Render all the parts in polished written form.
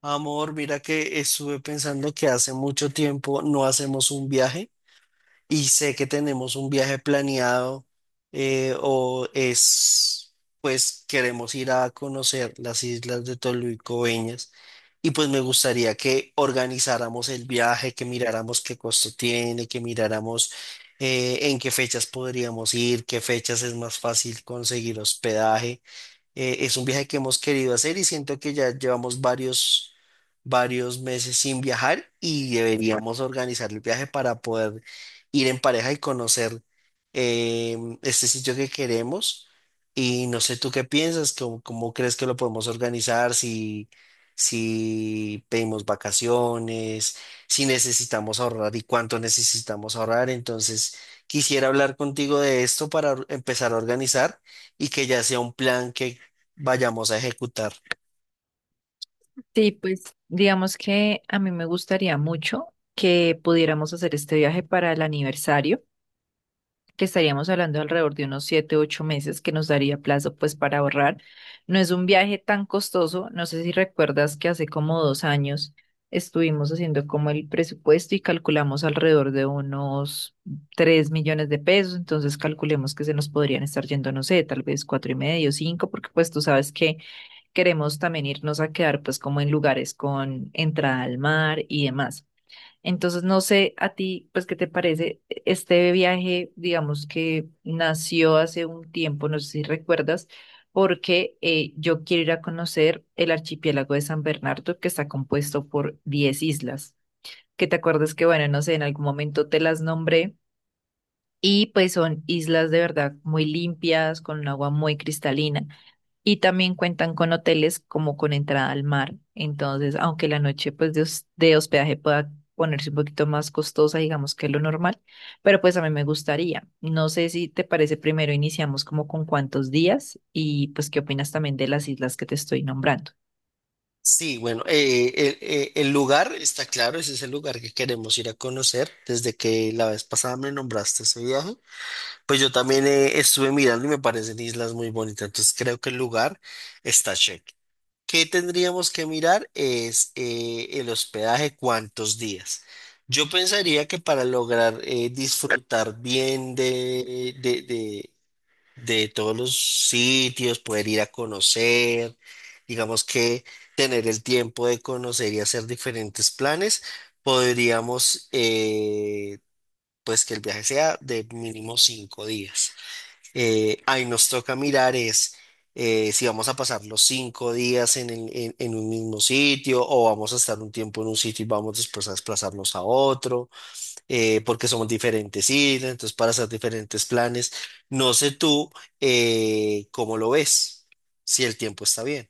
Amor, mira que estuve pensando que hace mucho tiempo no hacemos un viaje y sé que tenemos un viaje planeado eh, o es, pues queremos ir a conocer las islas de Tolú y Coveñas y pues me gustaría que organizáramos el viaje, que miráramos qué costo tiene, que miráramos en qué fechas podríamos ir, qué fechas es más fácil conseguir hospedaje. Es un viaje que hemos querido hacer y siento que ya llevamos varios meses sin viajar y deberíamos organizar el viaje para poder ir en pareja y conocer este sitio que queremos. Y no sé tú qué piensas, cómo, cómo crees que lo podemos organizar, si pedimos vacaciones, si necesitamos ahorrar y cuánto necesitamos ahorrar. Entonces, quisiera hablar contigo de esto para empezar a organizar y que ya sea un plan que vayamos a ejecutar. Sí, pues digamos que a mí me gustaría mucho que pudiéramos hacer este viaje para el aniversario, que estaríamos hablando alrededor de unos 7, 8 meses que nos daría plazo pues para ahorrar. No es un viaje tan costoso, no sé si recuerdas que hace como 2 años estuvimos haciendo como el presupuesto y calculamos alrededor de unos 3 millones de pesos. Entonces calculemos que se nos podrían estar yendo, no sé, tal vez cuatro y medio, cinco, porque pues tú sabes que queremos también irnos a quedar pues como en lugares con entrada al mar y demás. Entonces, no sé a ti, pues, ¿qué te parece? Este viaje, digamos que nació hace un tiempo, no sé si recuerdas, porque yo quiero ir a conocer el archipiélago de San Bernardo, que está compuesto por 10 islas, que te acuerdas que, bueno, no sé, en algún momento te las nombré, y pues son islas de verdad muy limpias, con un agua muy cristalina. Y también cuentan con hoteles como con entrada al mar. Entonces, aunque la noche pues de hospedaje pueda ponerse un poquito más costosa, digamos que lo normal, pero pues a mí me gustaría. No sé si te parece, primero iniciamos como con cuántos días, y pues qué opinas también de las islas que te estoy nombrando. Sí, bueno, el lugar está claro, ese es el lugar que queremos ir a conocer. Desde que la vez pasada me nombraste ese viaje, pues yo también estuve mirando y me parecen islas muy bonitas. Entonces creo que el lugar está check. ¿Qué tendríamos que mirar? Es el hospedaje, cuántos días. Yo pensaría que para lograr disfrutar bien de todos los sitios, poder ir a conocer, digamos que tener el tiempo de conocer y hacer diferentes planes, podríamos, eh, pues que el viaje sea de mínimo 5 días. Ahí nos toca mirar es si vamos a pasar los 5 días en, el- en un mismo sitio o vamos a estar un tiempo en un sitio y vamos después a desplazarnos a otro porque somos diferentes islas, entonces para hacer diferentes planes. No sé tú cómo lo ves, si el tiempo está bien.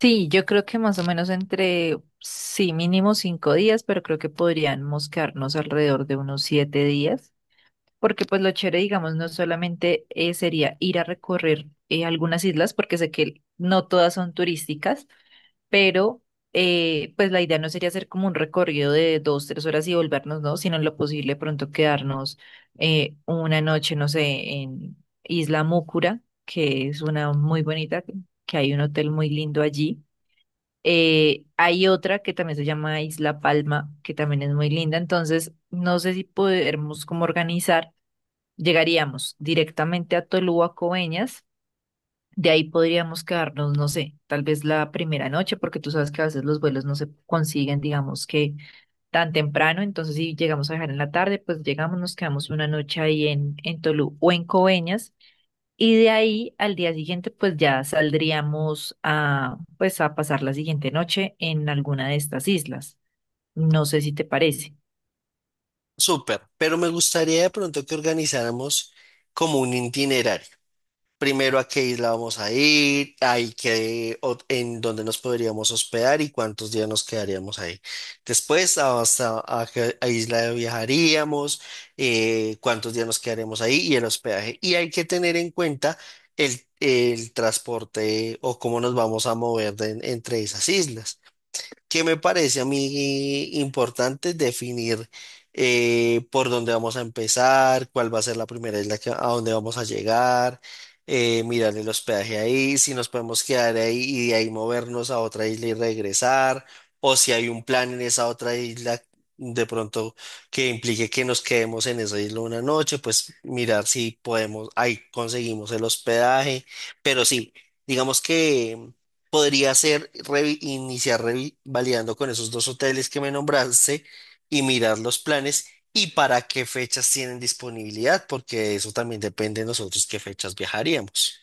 Sí, yo creo que más o menos entre, sí, mínimo 5 días, pero creo que podríamos quedarnos alrededor de unos 7 días. Porque pues lo chévere, digamos, no solamente sería ir a recorrer algunas islas, porque sé que no todas son turísticas, pero pues la idea no sería hacer como un recorrido de 2, 3 horas y volvernos, ¿no? Sino en lo posible pronto quedarnos una noche, no sé, en Isla Múcura, que es una muy bonita, que hay un hotel muy lindo allí. Hay otra que también se llama Isla Palma, que también es muy linda. Entonces, no sé si podemos como organizar. Llegaríamos directamente a Tolúa, Coveñas. De ahí podríamos quedarnos, no sé, tal vez la primera noche, porque tú sabes que a veces los vuelos no se consiguen, digamos que tan temprano. Entonces, si llegamos a dejar en la tarde, pues llegamos, nos quedamos una noche ahí en Tolú o en Coveñas. Y de ahí al día siguiente, pues ya saldríamos a, pues, a pasar la siguiente noche en alguna de estas islas. No sé si te parece. Súper, pero me gustaría de pronto que organizáramos como un itinerario. Primero a qué isla vamos a ir, en dónde nos podríamos hospedar y cuántos días nos quedaríamos ahí. Después, a- hasta a qué a isla viajaríamos, cuántos días nos quedaríamos ahí y el hospedaje. Y hay que tener en cuenta el transporte o cómo nos vamos a mover entre esas islas que me parece a mí importante definir por dónde vamos a empezar, cuál va a ser la primera isla a dónde vamos a llegar, mirar el hospedaje ahí, si nos podemos quedar ahí y de ahí movernos a otra isla y regresar, o si hay un plan en esa otra isla de pronto que implique que nos quedemos en esa isla una noche, pues mirar si podemos, ahí conseguimos el hospedaje, pero sí, digamos que... Podría ser iniciar revalidando con esos dos hoteles que me nombraste y mirar los planes y para qué fechas tienen disponibilidad, porque eso también depende de nosotros qué fechas viajaríamos.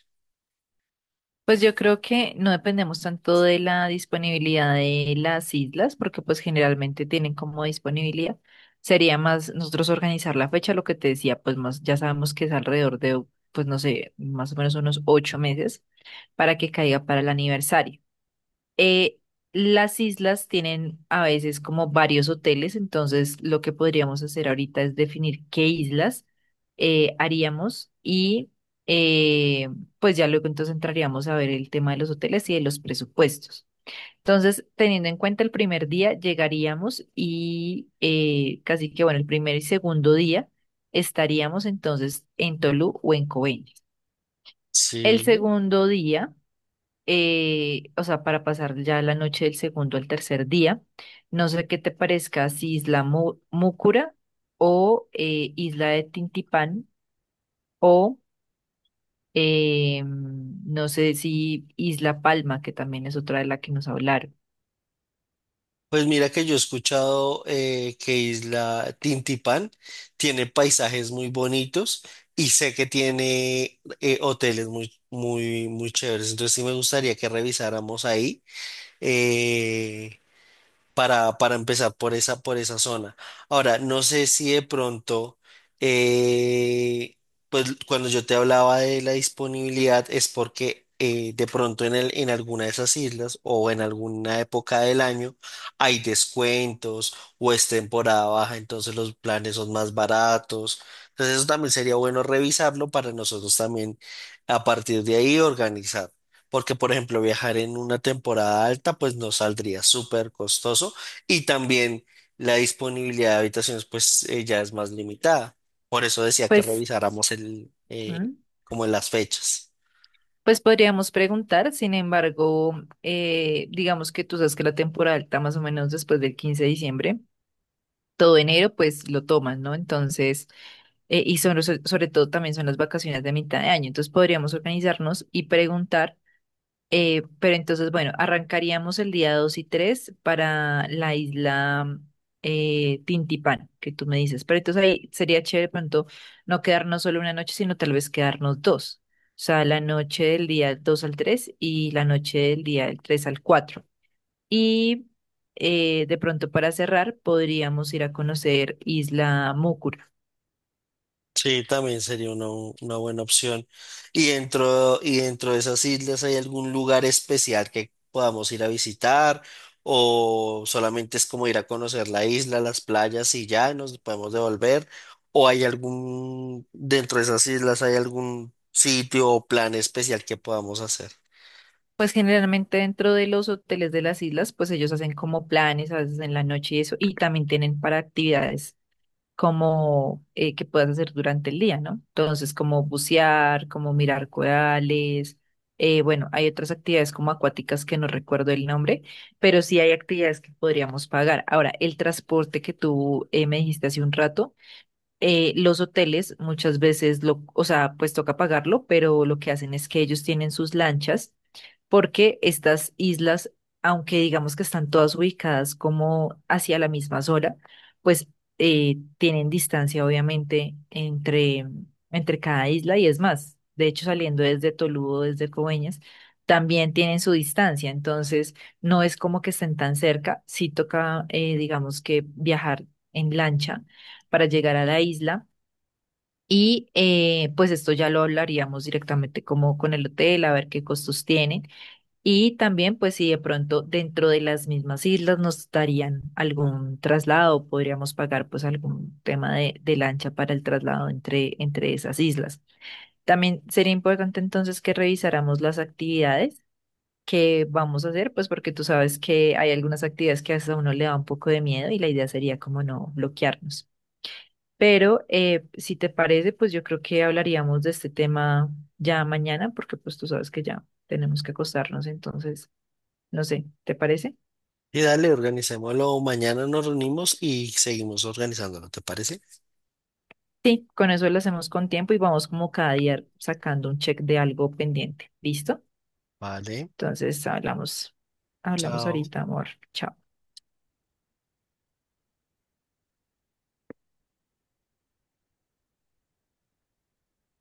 Pues yo creo que no dependemos tanto de la disponibilidad de las islas, porque pues generalmente tienen como disponibilidad. Sería más nosotros organizar la fecha, lo que te decía, pues más ya sabemos que es alrededor de, pues no sé, más o menos unos 8 meses para que caiga para el aniversario. Eh, las islas tienen a veces como varios hoteles, entonces lo que podríamos hacer ahorita es definir qué islas haríamos, y eh, pues ya luego entonces entraríamos a ver el tema de los hoteles y de los presupuestos. Entonces, teniendo en cuenta el primer día, llegaríamos y casi que, bueno, el primer y segundo día estaríamos entonces en Tolú o en Coveñas. El Sí. segundo día o sea, para pasar ya la noche del segundo al tercer día. No sé qué te parezca, si Múcura, o Isla de Tintipán, o no sé si Isla Palma, que también es otra de la que nos hablaron. Pues mira que yo he escuchado que Isla Tintipán tiene paisajes muy bonitos y sé que tiene hoteles muy, muy, muy chéveres. Entonces sí me gustaría que revisáramos ahí. eh, para empezar por esa, zona. Ahora, no sé si de pronto, eh, pues cuando yo te hablaba de la disponibilidad es porque de pronto en alguna de esas islas o en alguna época del año hay descuentos o es temporada baja, entonces los planes son más baratos. Entonces eso también sería bueno revisarlo para nosotros también a partir de ahí organizar. Porque, por ejemplo, viajar en una temporada alta, pues nos saldría súper costoso y también la disponibilidad de habitaciones, pues ya es más limitada. Por eso decía que Pues, revisáramos ¿Mm? como las fechas. Pues podríamos preguntar, sin embargo, digamos que tú sabes que la temporada alta más o menos después del 15 de diciembre, todo enero pues lo tomas, ¿no? Entonces y sobre todo también son las vacaciones de mitad de año. Entonces podríamos organizarnos y preguntar, pero entonces, bueno, arrancaríamos el día 2 y 3 para la isla Tintipán, que tú me dices. Pero entonces ahí sería chévere de pronto no quedarnos solo una noche, sino tal vez quedarnos dos. O sea, la noche del día 2 al 3 y la noche del día del 3 al 4. Y de pronto para cerrar, podríamos ir a conocer Isla Mucur. Sí, también sería una buena opción. Y dentro de esas islas, ¿hay algún lugar especial que podamos ir a visitar? ¿O solamente es como ir a conocer la isla, las playas y ya y nos podemos devolver? ¿O hay algún, dentro de esas islas, hay algún sitio o plan especial que podamos hacer? Pues generalmente dentro de los hoteles de las islas, pues ellos hacen como planes a veces en la noche y eso, y también tienen para actividades como que puedas hacer durante el día, ¿no? Entonces, como bucear, como mirar corales, bueno, hay otras actividades como acuáticas que no recuerdo el nombre, pero sí hay actividades que podríamos pagar. Ahora, el transporte que tú me dijiste hace un rato, los hoteles muchas veces lo, o sea, pues toca pagarlo, pero lo que hacen es que ellos tienen sus lanchas, porque estas islas, aunque digamos que están todas ubicadas como hacia la misma zona, pues tienen distancia obviamente entre cada isla, y es más, de hecho saliendo desde Toludo, desde Coveñas, también tienen su distancia, entonces no es como que estén tan cerca, sí toca digamos que viajar en lancha para llegar a la isla. Y pues esto ya lo hablaríamos directamente como con el hotel, a ver qué costos tienen. Y también pues si de pronto dentro de las mismas islas nos darían algún traslado, podríamos pagar pues algún tema de lancha para el traslado entre esas islas. También sería importante entonces que revisáramos las actividades que vamos a hacer, pues porque tú sabes que hay algunas actividades que hasta a uno le da un poco de miedo, y la idea sería como no bloquearnos. Pero si te parece, pues yo creo que hablaríamos de este tema ya mañana, porque pues tú sabes que ya tenemos que acostarnos. Entonces, no sé, ¿te parece? Y dale, organicémoslo. Mañana nos reunimos y seguimos organizándolo, ¿te parece? Sí, con eso lo hacemos con tiempo y vamos como cada día sacando un check de algo pendiente, ¿listo? Vale, Entonces hablamos, chao. ahorita, amor. Chao.